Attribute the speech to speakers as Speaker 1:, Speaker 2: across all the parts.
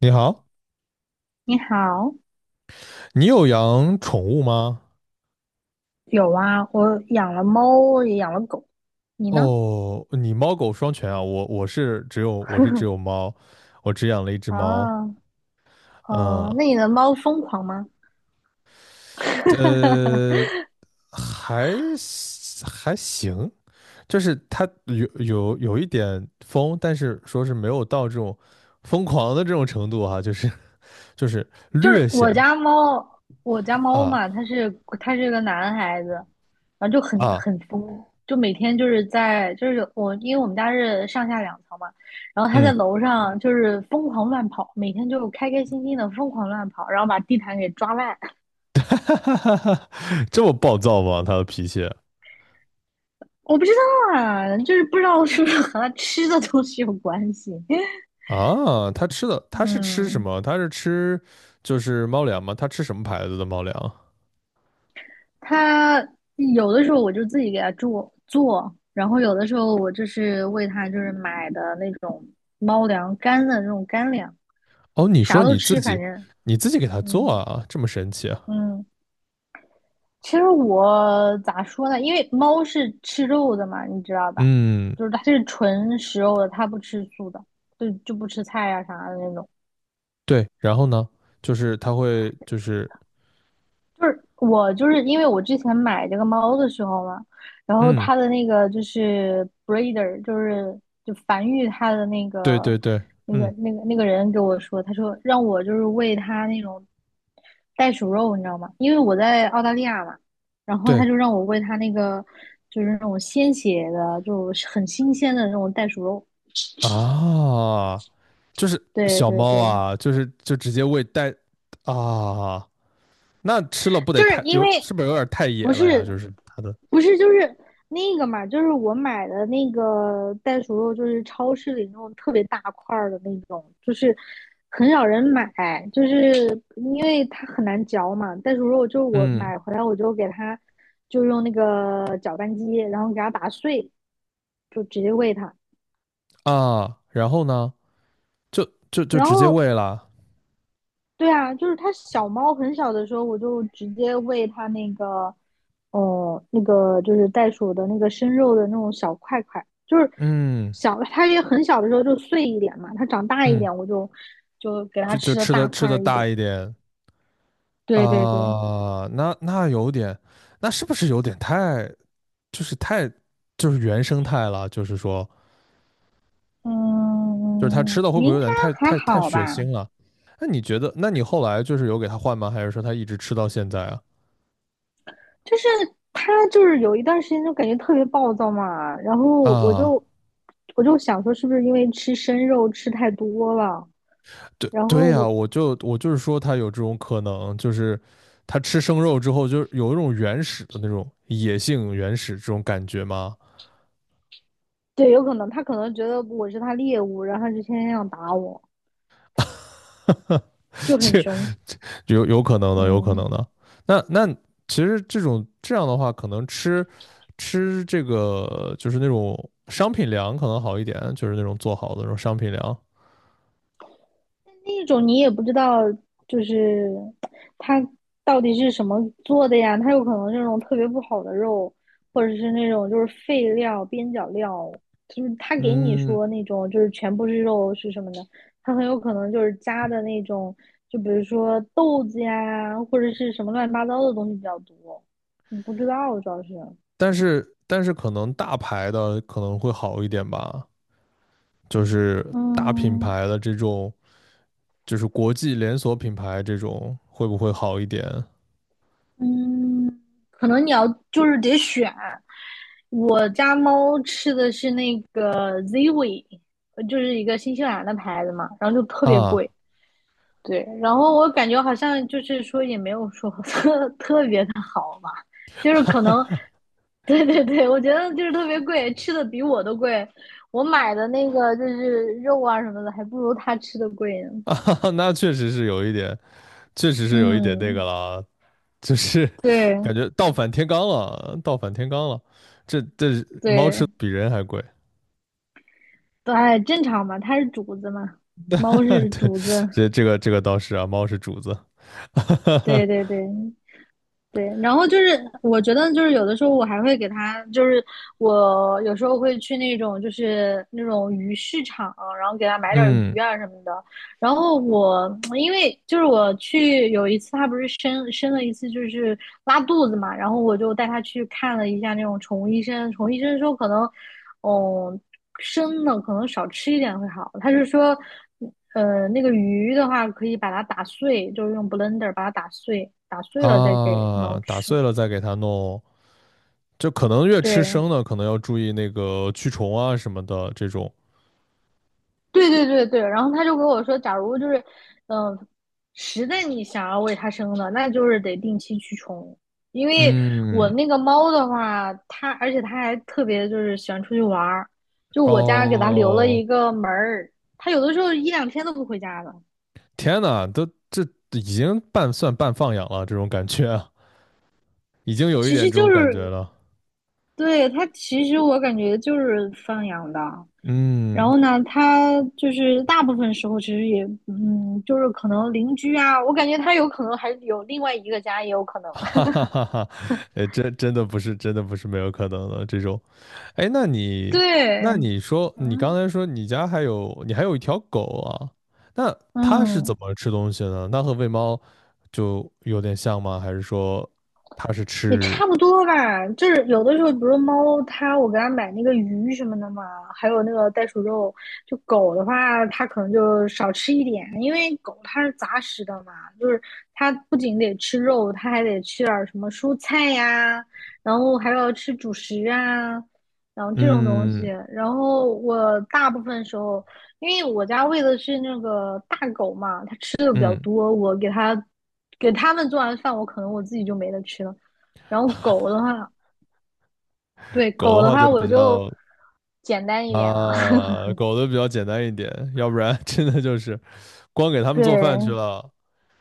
Speaker 1: 你好，
Speaker 2: 你好，
Speaker 1: 你有养宠物吗？
Speaker 2: 有啊，我养了猫，也养了狗。你呢？
Speaker 1: 哦，你猫狗双全啊，我我是只有我是只有 猫，我只养了一只猫。
Speaker 2: 啊，哦，
Speaker 1: 嗯，
Speaker 2: 那你的猫疯狂吗？哈哈哈
Speaker 1: 呃，
Speaker 2: 哈
Speaker 1: 还还行，就是它有一点疯，但是说是没有到这种疯狂的这种程度哈、就是
Speaker 2: 就是
Speaker 1: 略显
Speaker 2: 我家猫，我家猫
Speaker 1: 啊
Speaker 2: 嘛，它是它是个男孩子，然后就很
Speaker 1: 啊。
Speaker 2: 很疯，就每天就是在就是我，因为我们家是上下两层嘛，然后它在
Speaker 1: 嗯，
Speaker 2: 楼上就是疯狂乱跑，每天就开开心心的疯狂乱跑，然后把地毯给抓烂。
Speaker 1: 这么暴躁吗？它的脾气？
Speaker 2: 我不知道啊，就是不知道是不是和它吃的东西有关系。
Speaker 1: 啊，它吃的它是吃什
Speaker 2: 嗯，
Speaker 1: 么？它是吃就是猫粮吗？它吃什么牌子的猫粮？
Speaker 2: 它有的时候我就自己给它做，然后有的时候我就是喂它就是买的那种猫粮干的那种干粮，
Speaker 1: 哦，你
Speaker 2: 啥
Speaker 1: 说
Speaker 2: 都
Speaker 1: 你自
Speaker 2: 吃，反
Speaker 1: 己
Speaker 2: 正
Speaker 1: 你自己给它做
Speaker 2: 嗯
Speaker 1: 啊，这么神奇啊？
Speaker 2: 嗯。其实我咋说呢？因为猫是吃肉的嘛，你知道吧？
Speaker 1: 嗯，
Speaker 2: 就是它是纯食肉的，它不吃素的，就不吃菜呀、啥的那种。
Speaker 1: 对。然后呢，就是它会就是
Speaker 2: 就是我就是因为我之前买这个猫的时候嘛，然后
Speaker 1: 嗯，
Speaker 2: 它的那个就是 breeder，就繁育它的那
Speaker 1: 对
Speaker 2: 个
Speaker 1: 对对，
Speaker 2: 那个
Speaker 1: 嗯，
Speaker 2: 那个那个人给我说，他说让我就是喂它那种袋鼠肉，你知道吗？因为我在澳大利亚嘛，然后他
Speaker 1: 对
Speaker 2: 就让我喂它那个就是那种鲜血的，就是很新鲜的那种袋鼠肉。
Speaker 1: 啊，就是
Speaker 2: 对
Speaker 1: 小
Speaker 2: 对
Speaker 1: 猫
Speaker 2: 对，
Speaker 1: 啊，就是就直接喂带，啊，那吃了不得
Speaker 2: 就是
Speaker 1: 太
Speaker 2: 因
Speaker 1: 有
Speaker 2: 为
Speaker 1: 是不是有点太野
Speaker 2: 不
Speaker 1: 了呀？
Speaker 2: 是
Speaker 1: 就是它的
Speaker 2: 不是就是那个嘛，就是我买的那个袋鼠肉，就是超市里那种特别大块的那种，就是很少人买，就是因为它很难嚼嘛。袋鼠肉就是我
Speaker 1: 嗯，
Speaker 2: 买回来，我就给它就用那个搅拌机，然后给它打碎，就直接喂它。
Speaker 1: 啊，然后呢，就就就
Speaker 2: 然
Speaker 1: 直接
Speaker 2: 后
Speaker 1: 喂了。
Speaker 2: 对啊，就是它小猫很小的时候，我就直接喂它那个，哦，那个就是袋鼠的那个生肉的那种小块块，就是
Speaker 1: 嗯
Speaker 2: 小，它也很小的时候就碎一点嘛，它长大一
Speaker 1: 嗯，
Speaker 2: 点我就给它
Speaker 1: 就就
Speaker 2: 吃的
Speaker 1: 吃的
Speaker 2: 大
Speaker 1: 吃
Speaker 2: 块
Speaker 1: 的
Speaker 2: 儿一
Speaker 1: 大
Speaker 2: 点。
Speaker 1: 一点。
Speaker 2: 对对对，
Speaker 1: 啊，那那有点，那是不是有点太就是太就是原生态了？就是说，就是他吃
Speaker 2: 嗯，
Speaker 1: 的会不会
Speaker 2: 应
Speaker 1: 有
Speaker 2: 该
Speaker 1: 点太
Speaker 2: 还
Speaker 1: 太太
Speaker 2: 好
Speaker 1: 血
Speaker 2: 吧，
Speaker 1: 腥了？那你觉得？那你后来就是有给他换吗？还是说他一直吃到现在啊？
Speaker 2: 就是它就是有一段时间就感觉特别暴躁嘛，然后我
Speaker 1: 啊，
Speaker 2: 就我就想说是不是因为吃生肉吃太多了。
Speaker 1: 对
Speaker 2: 然
Speaker 1: 对
Speaker 2: 后
Speaker 1: 呀，
Speaker 2: 我
Speaker 1: 我就是说他有这种可能，就是他吃生肉之后，就是有一种原始的那种野性原始这种感觉吗？
Speaker 2: 对，有可能他可能觉得我是他猎物，然后就天天想打我，
Speaker 1: 哈，
Speaker 2: 就很
Speaker 1: 这
Speaker 2: 凶。
Speaker 1: 有有可能的，有可能
Speaker 2: 嗯，
Speaker 1: 的。那那其实这种这样的话，可能吃吃这个就是那种商品粮可能好一点，就是那种做好的那种商品粮。
Speaker 2: 那种你也不知道，就是他到底是什么做的呀？他有可能是那种特别不好的肉，或者是那种就是废料、边角料，就是他给你
Speaker 1: 嗯，
Speaker 2: 说那种就是全部是肉是什么的，他很有可能就是加的那种，就比如说豆子呀，或者是什么乱七八糟的东西比较多，你不知道主要是，
Speaker 1: 但是可能大牌的可能会好一点吧，就是大品
Speaker 2: 嗯。
Speaker 1: 牌的这种，就是国际连锁品牌这种会不会好一点
Speaker 2: 嗯，可能你要就是得选。我家猫吃的是那个 Ziwi，就是一个新西兰的牌子嘛，然后就特别
Speaker 1: 啊？
Speaker 2: 贵。对，然后我感觉好像就是说也没有说 特别的好吧，就是可能，对对对，我觉得就是特别贵，吃的比我都贵。我买的那个就是肉啊什么的，还不如它吃的贵呢。
Speaker 1: 啊，那确实是有一点，确实是有一点那个
Speaker 2: 嗯，
Speaker 1: 了，就是
Speaker 2: 对
Speaker 1: 感觉倒反天罡了，倒反天罡了。这这猫吃
Speaker 2: 对。
Speaker 1: 比人还贵，
Speaker 2: 对，哎正常嘛，它是主子嘛，猫是
Speaker 1: 对，
Speaker 2: 主子，
Speaker 1: 这这个这个倒是啊，猫是主子，
Speaker 2: 对 对对对。然后就是，我觉得就是有的时候我还会给它，就是我有时候会去那种就是那种鱼市场，然后给它买点儿
Speaker 1: 嗯，
Speaker 2: 鱼啊什么的。然后我因为就是我去有一次，他不是生了一次就是拉肚子嘛，然后我就带他去看了一下那种宠物医生。宠物医生说可能，哦，生的可能少吃一点会好。他就说，那个鱼的话可以把它打碎，就是用 blender 把它打碎，打碎了再给
Speaker 1: 啊，
Speaker 2: 猫
Speaker 1: 打
Speaker 2: 吃。
Speaker 1: 碎了再给它弄，就可能越吃
Speaker 2: 对，
Speaker 1: 生的，可能要注意那个驱虫啊什么的这种。
Speaker 2: 对对对对，然后他就跟我说，假如就是，嗯、实在你想要为它生的，那就是得定期驱虫。因为我
Speaker 1: 嗯，
Speaker 2: 那个猫的话，它而且它还特别就是喜欢出去玩儿，就我家给它留了
Speaker 1: 哦，
Speaker 2: 一个门儿，它有的时候一两天都不回家的。
Speaker 1: 天呐，都这已经半算半放养了，这种感觉啊，已经有一
Speaker 2: 其
Speaker 1: 点
Speaker 2: 实
Speaker 1: 这
Speaker 2: 就
Speaker 1: 种感觉
Speaker 2: 是
Speaker 1: 了。
Speaker 2: 对它，其实我感觉就是放养的。然
Speaker 1: 嗯，
Speaker 2: 后呢，它就是大部分时候其实也，嗯，就是可能邻居啊，我感觉它有可能还有另外一个家，也有可能。
Speaker 1: 哈哈哈哈，真真的不是，真的不是没有可能的这种。哎，那你，
Speaker 2: 对，
Speaker 1: 那你说，你刚
Speaker 2: 嗯
Speaker 1: 才说你家还有，你还有一条狗啊？那它是
Speaker 2: 嗯，
Speaker 1: 怎么吃东西呢？那和喂猫就有点像吗？还是说它是
Speaker 2: 也
Speaker 1: 吃？
Speaker 2: 差不多吧。就是有的时候，比如猫，它我给它买那个鱼什么的嘛，还有那个袋鼠肉。就狗的话，它可能就少吃一点，因为狗它是杂食的嘛，就是它不仅得吃肉，它还得吃点儿什么蔬菜呀，然后还要吃主食啊，然后这种东西。
Speaker 1: 嗯
Speaker 2: 然后我大部分时候，因为我家喂的是那个大狗嘛，
Speaker 1: 嗯，
Speaker 2: 多，我给它给它们做完饭，我可能自己就没得吃了。然后狗的话，对
Speaker 1: 狗的
Speaker 2: 狗的
Speaker 1: 话就
Speaker 2: 话，我
Speaker 1: 比
Speaker 2: 就
Speaker 1: 较，
Speaker 2: 简单一点了。
Speaker 1: 啊，狗的比较简单一点，要不然 真的就是光给它们做饭去
Speaker 2: 对
Speaker 1: 了。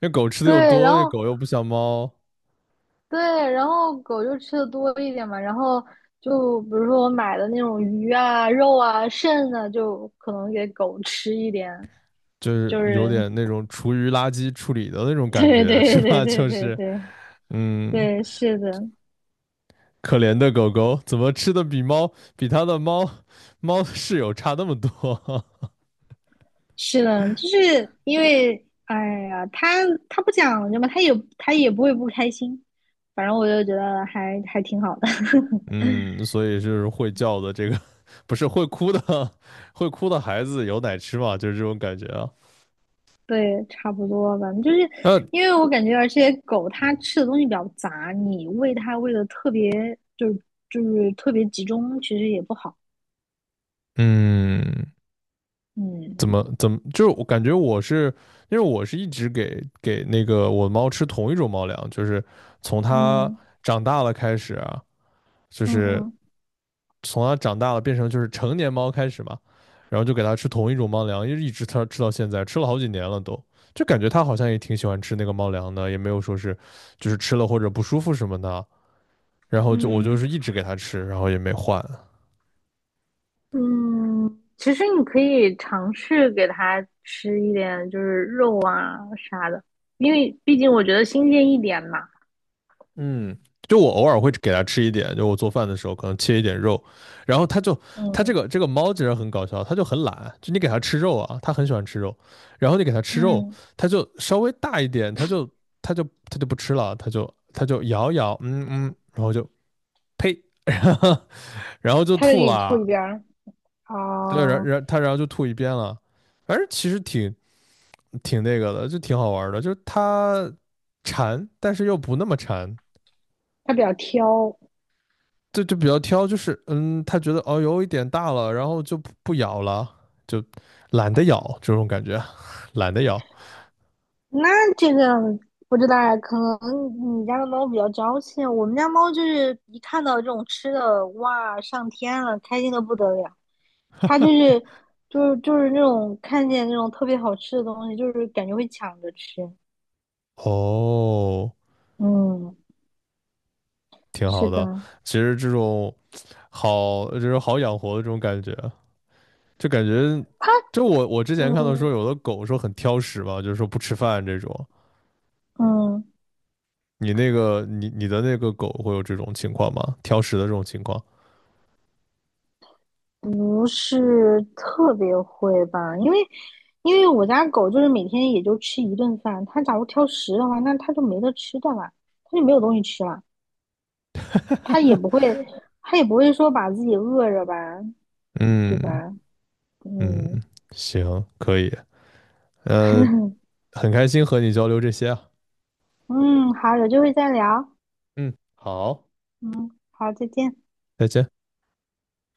Speaker 1: 那狗吃的又
Speaker 2: 对，然
Speaker 1: 多，
Speaker 2: 后
Speaker 1: 狗又不像猫。
Speaker 2: 对，然后狗就吃的多一点嘛。然后就比如说我买的那种鱼啊、肉啊、肾啊，就可能给狗吃一点。
Speaker 1: 就是
Speaker 2: 就
Speaker 1: 有
Speaker 2: 是
Speaker 1: 点那种厨余垃圾处理的那种 感
Speaker 2: 对
Speaker 1: 觉，是
Speaker 2: 对对
Speaker 1: 吧？
Speaker 2: 对
Speaker 1: 就
Speaker 2: 对
Speaker 1: 是
Speaker 2: 对
Speaker 1: 嗯，
Speaker 2: 对，是的。
Speaker 1: 可怜的狗狗怎么吃的比猫比它的猫猫室友差那么多？
Speaker 2: 是的，就是因为，哎呀，他不讲究嘛，他也不会不开心，反正我就觉得还挺好的，
Speaker 1: 嗯，所以就是会叫的这个不是会哭的 会哭的孩子有奶吃嘛？就是这种感觉啊。
Speaker 2: 对，差不多吧。就是
Speaker 1: 那
Speaker 2: 因为我感觉，而且狗它吃的东西比较杂，你喂它喂的特别，就是就是特别集中，其实也不好。
Speaker 1: 嗯，
Speaker 2: 嗯
Speaker 1: 怎么怎么就是我感觉我是。因为我是一直给那个我猫吃同一种猫粮，就是从它
Speaker 2: 嗯
Speaker 1: 长大了开始啊，就
Speaker 2: 嗯
Speaker 1: 是
Speaker 2: 嗯。
Speaker 1: 从它长大了变成就是成年猫开始嘛，然后就给它吃同一种猫粮，一直它吃到现在，吃了好几年了都，就感觉它好像也挺喜欢吃那个猫粮的，也没有说是就是吃了或者不舒服什么的，然后就我就
Speaker 2: 嗯
Speaker 1: 是一直给它吃，然后也没换。
Speaker 2: 嗯，其实你可以尝试给它吃一点，就是肉啊啥的，因为毕竟我觉得新鲜一点嘛。
Speaker 1: 嗯，就我偶尔会给它吃一点，就我做饭的时候可能切一点肉，然后它就它这
Speaker 2: 嗯
Speaker 1: 个这个猫其实很搞笑，它就很懒，就你给它吃肉啊，它很喜欢吃肉，然后你给它吃肉，
Speaker 2: 嗯，
Speaker 1: 它就稍微大一点，它就它就不吃了，它就它就咬咬，嗯嗯，然后就呸，然后然后就
Speaker 2: 它就给
Speaker 1: 吐
Speaker 2: 你
Speaker 1: 了，
Speaker 2: 吐一边儿，
Speaker 1: 对，然
Speaker 2: 哦，
Speaker 1: 然它然后就吐一边了，反正其实挺挺那个的，就挺好玩儿的，就是它馋，但是又不那么馋，
Speaker 2: 它比较挑。
Speaker 1: 对，就比较挑，就是嗯，他觉得哦有一点大了，然后就不咬了，就懒得咬这种感觉，懒得咬。
Speaker 2: 那这个不知道啊，可能你家的猫比较娇气。我们家猫就是一看到这种吃的，哇，上天了，开心的不得了。它就 是就是就是那种看见那种特别好吃的东西，就是感觉会抢着吃。
Speaker 1: 哦，
Speaker 2: 嗯。
Speaker 1: 挺
Speaker 2: 是
Speaker 1: 好的。
Speaker 2: 的，
Speaker 1: 其实这种好，就是好养活的这种感觉，就感觉，就我之前看到说
Speaker 2: 嗯
Speaker 1: 有的狗说很挑食嘛，就是说不吃饭这种。
Speaker 2: 嗯，
Speaker 1: 你那个你的那个狗会有这种情况吗？挑食的这种情况？
Speaker 2: 不是特别会吧，因为我家狗就是每天也就吃一顿饭，它假如挑食的话，那它就没得吃的了，它就没有东西吃了，它也不会，它也不会说把自己饿着吧，对
Speaker 1: 嗯
Speaker 2: 吧？
Speaker 1: 嗯，
Speaker 2: 嗯
Speaker 1: 行，可以。呃，很开心和你交流这些啊。
Speaker 2: 嗯，好，有机会再聊，
Speaker 1: 嗯，好，
Speaker 2: 嗯，好，再见。
Speaker 1: 再见。